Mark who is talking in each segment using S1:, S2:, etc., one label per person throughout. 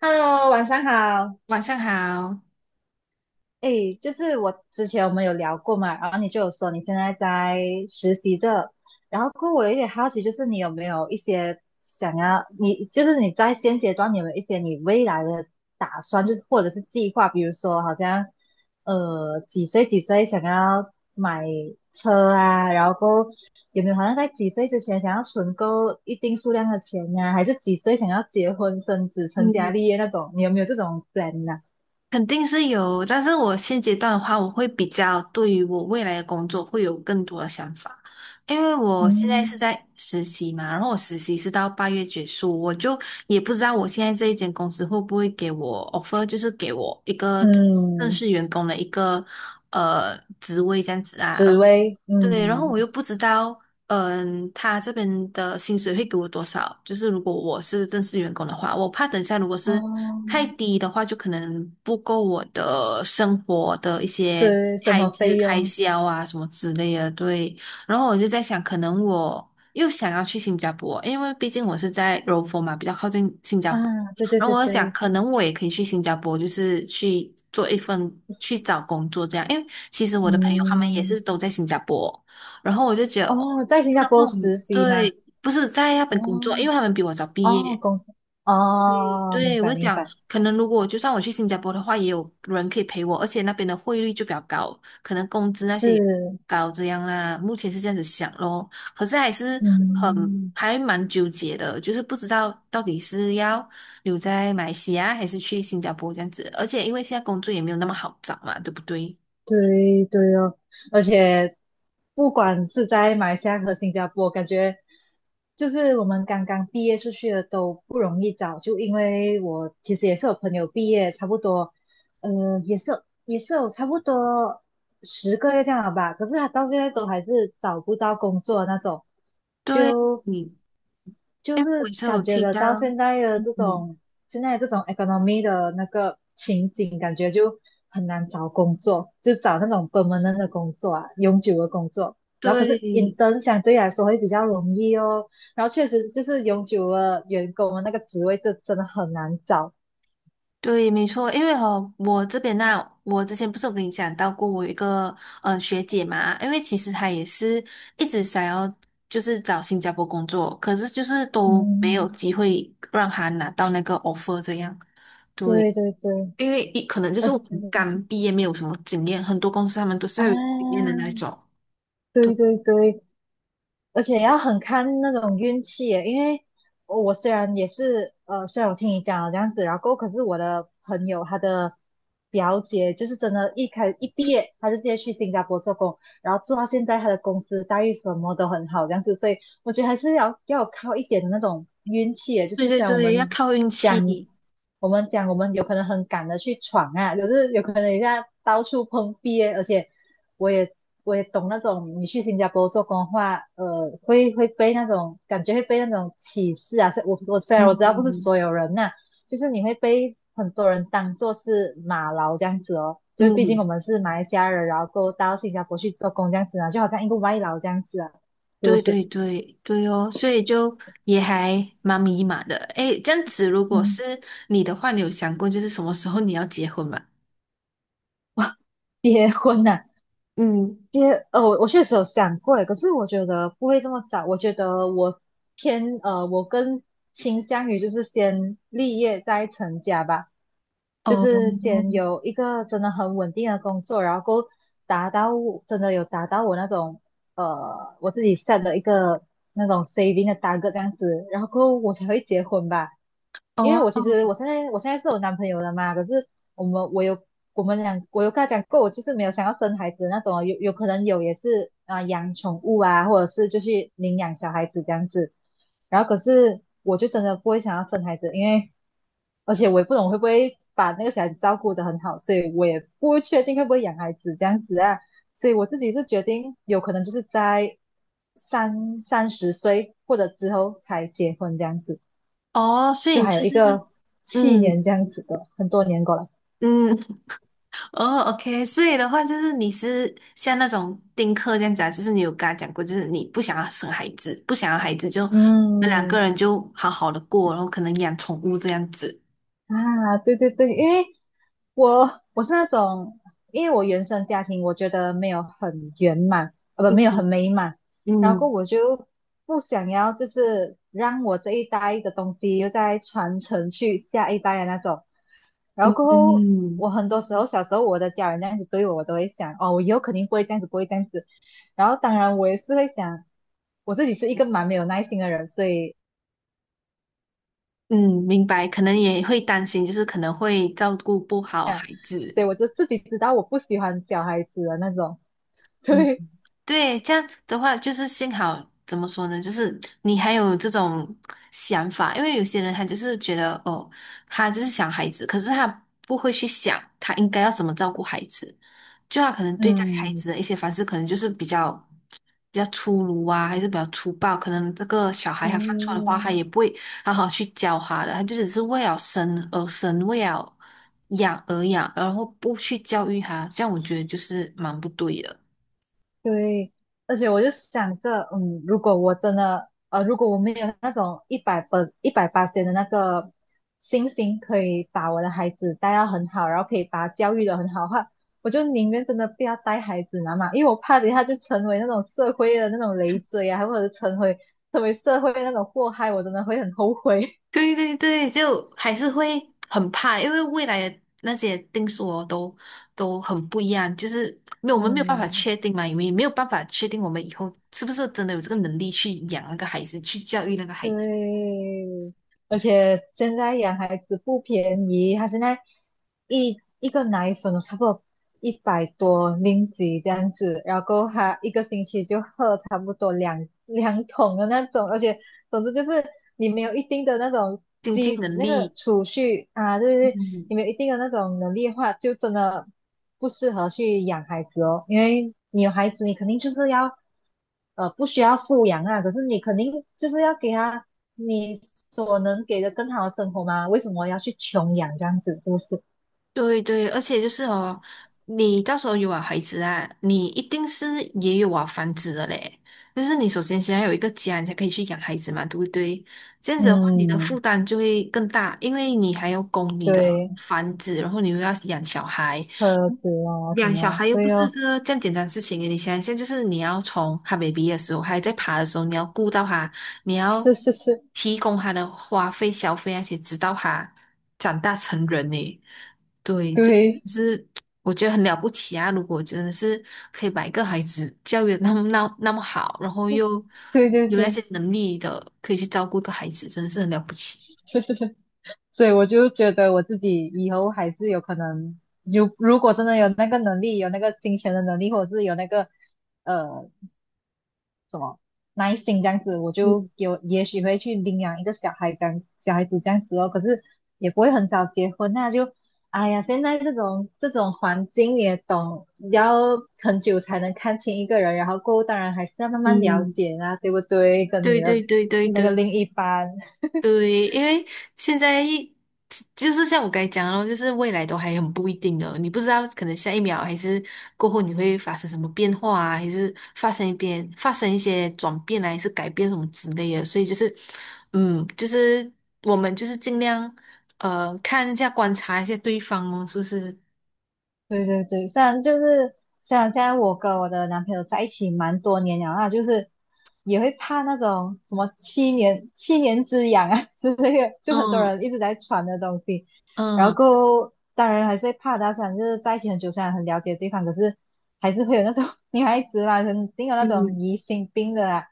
S1: Hello，晚上好。
S2: 晚上好。
S1: 诶，就是我之前我们有聊过嘛，然后你就有说你现在在实习着，然后过后我有点好奇，就是你有没有一些想要，你就是你在现阶段你有没有一些你未来的打算，就是或者是计划，比如说好像几岁几岁想要买车啊，然后过后有没有好像在几岁之前想要存够一定数量的钱呀、还是几岁想要结婚生子成家
S2: 嗯，
S1: 立业那种，你有没有这种 plan 呢、
S2: 肯定是有，但是我现阶段的话，我会比较对于我未来的工作会有更多的想法，因为我现在是
S1: 嗯
S2: 在实习嘛，然后我实习是到八月结束，我就也不知道我现在这一间公司会不会给我 offer，就是给我一个正
S1: 嗯，
S2: 式员工的一个职位这样子
S1: 紫
S2: 啊。
S1: 薇，
S2: 对，然后我又
S1: 嗯，
S2: 不知道，嗯，他这边的薪水会给我多少？就是如果我是正式员工的话，我怕等下如果是
S1: 哦，
S2: 太低的话，就可能不够我的生活的一些
S1: 对，生
S2: 开
S1: 活
S2: 支、
S1: 费
S2: 开
S1: 用，
S2: 销啊什么之类的。对，然后我就在想，可能我又想要去新加坡，因为毕竟我是在柔佛嘛，比较靠近新加坡。
S1: 啊？对对
S2: 然后
S1: 对
S2: 我在想，
S1: 对，
S2: 可能我也可以去新加坡，就是去做一份去找工作这样，因为。其实我的朋友他们也
S1: 嗯，
S2: 是都在新加坡，然后我就觉得，
S1: 哦，在新加
S2: 然后
S1: 坡
S2: 我们
S1: 实习
S2: 对，
S1: 吗？
S2: 不是在那
S1: 哦
S2: 边工作，因为他们比我早毕
S1: 哦，
S2: 业。
S1: 工作，
S2: 对，
S1: 哦，明
S2: 对，
S1: 白
S2: 我就
S1: 明
S2: 讲，
S1: 白，
S2: 可能如果就算我去新加坡的话，也有人可以陪我，而且那边的汇率就比较高，可能工资那些也
S1: 是，
S2: 高这样啦。目前是这样子想咯，可是还是很
S1: 嗯。
S2: 还蛮纠结的，就是不知道到底是要留在马来西亚还是去新加坡这样子，而且因为现在工作也没有那么好找嘛，对不对？
S1: 对对哦，而且不管是在马来西亚和新加坡，感觉就是我们刚刚毕业出去的都不容易找，就因为我其实也是有朋友毕业，差不多，也是有差不多10个月这样了吧，可是他到现在都还是找不到工作的那种，
S2: 对。
S1: 就就
S2: 哎，我也
S1: 是
S2: 是有
S1: 感觉
S2: 提
S1: 得
S2: 到，
S1: 到
S2: 嗯，
S1: 现在这种 economy 的那个情景，感觉就很难找工作，就找那种 permanent 的工作啊，永久的工作。然后可是
S2: 对
S1: intern 相对来说会比较容易哦。然后确实就是永久的员工的那个职位，就真的很难找。
S2: 对，没错，因为哦，我这边呢、我之前不是有跟你讲到过，我有一个学姐嘛，因为其实她也是一直想要就是找新加坡工作，可是就是都没有
S1: 嗯，
S2: 机会让她拿到那个 offer 这样。对，
S1: 对对对，
S2: 因为一可能就
S1: 而
S2: 是
S1: 是
S2: 我们刚毕业没有什么经验，很多公司他们都是
S1: 啊，
S2: 要有经验的那种。对
S1: 对对对，而且要很看那种运气耶因为我虽然也是呃，虽然我听你讲了这样子，然后可是我的朋友她的表姐就是真的，一毕业她就直接去新加坡做工，然后做到现在她的公司待遇什么都很好这样子，所以我觉得还是要有靠一点的那种运气耶，就
S2: 对
S1: 是
S2: 对
S1: 虽然
S2: 对，要靠运
S1: 讲
S2: 气。
S1: 我们讲我们有可能很赶的去闯啊，可是有可能一下到处碰壁耶而且。我也我也懂那种你去新加坡做工的话，会被那种感觉会被那种歧视啊。虽然
S2: 嗯
S1: 我知道不是
S2: 嗯。
S1: 所有人呐、就是你会被很多人当做是马劳这样子哦。就是毕竟我
S2: 嗯，
S1: 们是马来西亚人，然后过到新加坡去做工这样子啊，就好像一个外劳这样子啊，是不
S2: 对
S1: 是？
S2: 对对对哦，所以就也还蛮迷茫的。诶，这样子，如果是
S1: 嗯，
S2: 你的话，你有想过就是什么时候你要结婚吗？
S1: 结婚呐、
S2: 嗯。
S1: 我确实有想过耶，可是我觉得不会这么早。我觉得我偏呃，我更倾向于就是先立业再成家吧，就是先
S2: 哦
S1: 有一个真的很稳定的工作，然后够达到我那种我自己 set 的一个那种 saving 的 t a r g e 这样子，然后过后我才会结婚吧。因为
S2: 哦
S1: 我现在是有男朋友了嘛，可是我们我有我们俩我有跟他讲过，我就是没有想要生孩子那种，有可能也是啊、养宠物啊，或者是就去领养小孩子这样子。然后可是我就真的不会想要生孩子，因为而且我也不懂会不会把那个小孩子照顾得很好，所以我也不确定会不会养孩子这样子啊。所以我自己是决定有可能就是在30岁或者之后才结婚这样子，
S2: 哦，所以
S1: 就
S2: 你
S1: 还有
S2: 就
S1: 一
S2: 是
S1: 个七年
S2: 嗯
S1: 这样子的，很多年过来。
S2: 嗯 哦，OK，所以的话就是你是像那种丁克这样子啊，就是你有跟他讲过，就是你不想要生孩子，不想要孩子就你们两个
S1: 嗯
S2: 人就好好的过，然后可能养宠物这样子。
S1: 啊，对对对，因为我是那种，因为我原生家庭我觉得没有很圆满，呃不没
S2: 嗯
S1: 有很美满，然后
S2: 嗯
S1: 我就不想要就是让我这一代的东西又再传承去下一代的那种，然
S2: 嗯。
S1: 后过后我
S2: 嗯
S1: 很多时候小时候我的家人那样子对我，我都会想哦，我以后肯定不会这样子，不会这样子，然后当然我也是会想，我自己是一个蛮没有耐心的人，所以。
S2: 嗯，明白，可能也会担心，就是可能会照顾不好孩
S1: 所以
S2: 子。
S1: 我就自己知道我不喜欢小孩子的那种。
S2: 嗯，
S1: 对，
S2: 对，这样的话，就是幸好怎么说呢，就是你还有这种想法，因为有些人他就是觉得哦，他就是想孩子，可是他不会去想他应该要怎么照顾孩子，就他可能对待孩
S1: 嗯，
S2: 子的一些方式，可能就是比较。比较粗鲁啊，还是比较粗暴，可能这个小孩他犯错的话，
S1: 对
S2: 他也不会好好去教他的，他就只是为了生而生，为了养而养，然后不去教育他，这样我觉得就是蛮不对的。
S1: 对，而且我就想着，嗯，如果我真的，如果我没有那种100分、一百八千的那个信心，可以把我的孩子带到很好，然后可以把他教育的很好的话，我就宁愿真的不要带孩子你知道嘛，因为我怕等一下就成为那种社会的那种累赘啊，或者成为社会的那种祸害，我真的会很后悔。
S2: 对对对，就还是会很怕，因为未来的那些定数哦，都很不一样，就是没有 我们没有办法
S1: 嗯。
S2: 确定嘛，因为没有办法确定我们以后是不是真的有这个能力去养那个孩子，去教育那个孩子，
S1: 对，而且现在养孩子不便宜，他现在一个奶粉哦差不多一百多零几这样子，然后他一个星期就喝差不多两桶的那种，而且总之就是你没有一定的那种
S2: 经济
S1: 积
S2: 能
S1: 那个
S2: 力。
S1: 储蓄啊，就是
S2: 嗯。
S1: 你们有一定的那种能力的话，就真的不适合去养孩子哦，因为你有孩子，你肯定就是要，不需要富养啊，可是你肯定就是要给他你所能给的更好的生活嘛，为什么要去穷养这样子，是不是？
S2: 对对，而且就是哦，你到时候有了孩子啊，你一定是也有啊房子的嘞。就是你首先先要有一个家，你才可以去养孩子嘛，对不对？这样子的话，你的负
S1: 嗯，
S2: 担就会更大，因为你还要供你的
S1: 对哦，
S2: 房子，然后你又要养小孩，
S1: 车子啊什
S2: 养小
S1: 么，
S2: 孩又不
S1: 对
S2: 是
S1: 哦，
S2: 个这样简单的事情诶，你想一下，就是你要从他 baby 的时候，还在爬的时候，你要顾到他，你要
S1: 是是是，
S2: 提供他的花费、消费那些，直到他长大成人呢。对，就真
S1: 对
S2: 的是我觉得很了不起啊！如果真的是可以把一个孩子教育得那么好，然后又
S1: 对对
S2: 有那
S1: 对，
S2: 些能力的，可以去照顾一个孩子，真的是很了不起。
S1: 是是是。所以我就觉得我自己以后还是有可能，如果真的有那个能力，有那个金钱的能力，或者是有那个呃耐心这样子，我也许会去领养一个小孩小孩子这样子哦。可是也不会很早结婚啊，那就哎呀，现在这种环境也懂，要很久才能看清一个人，然后过后当然还是要慢慢了
S2: 嗯，
S1: 解啊，对不对？跟
S2: 对
S1: 你
S2: 对
S1: 的
S2: 对对
S1: 那个
S2: 对。
S1: 另一半。
S2: 对，因为现在一就是像我刚才讲的咯，就是未来都还很不一定的，你不知道可能下一秒还是过后你会发生什么变化啊，还是发生一些转变啊，还是改变什么之类的，所以就是，嗯，就是我们就是尽量看一下观察一下对方哦，是不是？
S1: 对对对，虽然现在我跟我的男朋友在一起蛮多年了，那就是也会怕那种什么七年之痒啊 之类的 就很多
S2: 嗯
S1: 人一直在传的东西。然后
S2: 嗯，
S1: 后，当然还是会怕到，虽然就是在一起很久，虽然很了解对方，可是还是会有那种女孩子嘛，肯定有那种
S2: 嗯
S1: 疑心病的啦。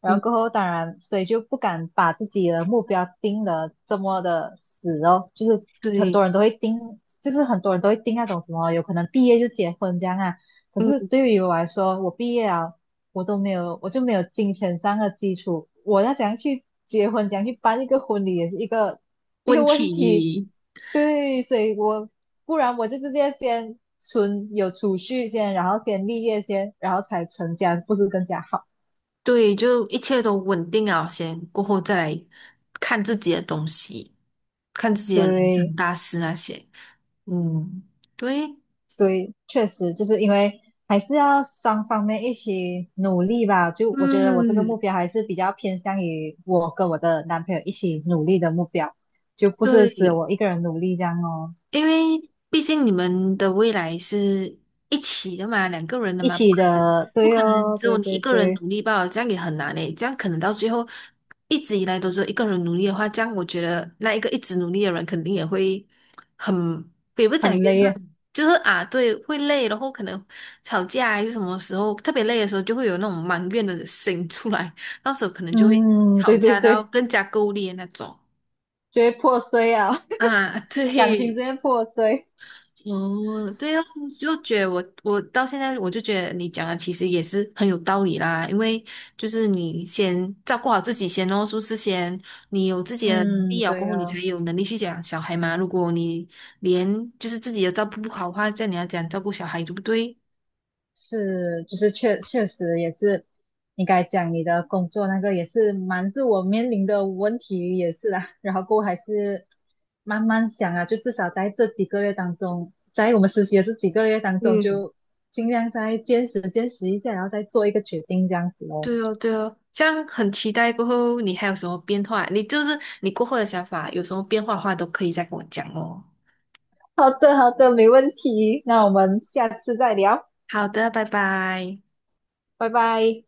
S1: 然
S2: 嗯，
S1: 后过后，当然，所以就不敢把自己的目标定的这么的死哦，就是很多
S2: 对，
S1: 人都会定，很多人都会定那种什么，有可能毕业就结婚这样啊。可
S2: 嗯，
S1: 是对于我来说，我毕业啊，我都没有，我就没有金钱上的基础，我要怎样去结婚，怎样去办一个婚礼，也是一个 一
S2: 问
S1: 个问题。
S2: 题。
S1: 对，所以我不然我就直接先存有储蓄先，然后先立业先，然后才成家，不是更加好？
S2: 对，就一切都稳定了先，过后再来看自己的东西，看自己的人生
S1: 对
S2: 大事那些。嗯，对，
S1: 对，确实就是因为还是要双方面一起努力吧。就我觉得我这个目
S2: 嗯，
S1: 标还是比较偏向于我跟我的男朋友一起努力的目标，就不是只有
S2: 对，
S1: 我一个人努力这样哦。
S2: 因为毕竟你们的未来是一起的嘛，两个人的
S1: 一
S2: 嘛，
S1: 起的，
S2: 不
S1: 对
S2: 可能
S1: 哦，
S2: 只有
S1: 对
S2: 你一
S1: 对
S2: 个人
S1: 对，
S2: 努力吧，这样也很难诶，这样可能到最后一直以来都是一个人努力的话，这样我觉得那一个一直努力的人肯定也会很，也不是讲
S1: 很
S2: 怨
S1: 累啊。
S2: 恨，就是啊，对，会累，然后可能吵架还是什么时候特别累的时候，就会有那种埋怨的心出来，到时候可能就会
S1: 嗯，
S2: 吵
S1: 对对
S2: 架到
S1: 对，
S2: 更加够力的那种
S1: 就会破碎啊。
S2: 啊，
S1: 感情直
S2: 对。
S1: 接破碎。
S2: 哦，对哦，就觉得我到现在我就觉得你讲的其实也是很有道理啦，因为就是你先照顾好自己先哦，是不是先你有自己的能
S1: 嗯，
S2: 力了过
S1: 对
S2: 后，你才
S1: 哦，
S2: 有能力去养小孩嘛。如果你连就是自己也照顾不好的话，这样你要讲照顾小孩，对不对？
S1: 是，就是确实也是，应该讲你的工作那个也是我面临的问题也是啦，然后过后还是慢慢想啊，就至少在这几个月当中，在我们实习的这几个月当中，
S2: 嗯。
S1: 就尽量坚持坚持一下，然后再做一个决定这样子哦。
S2: 对哦，对哦，这样很期待过后你还有什么变化？你就是你过后的想法有什么变化的话，都可以再跟我讲哦。
S1: 好的，好的，没问题。那我们下次再聊，
S2: 好的，拜拜。
S1: 拜拜。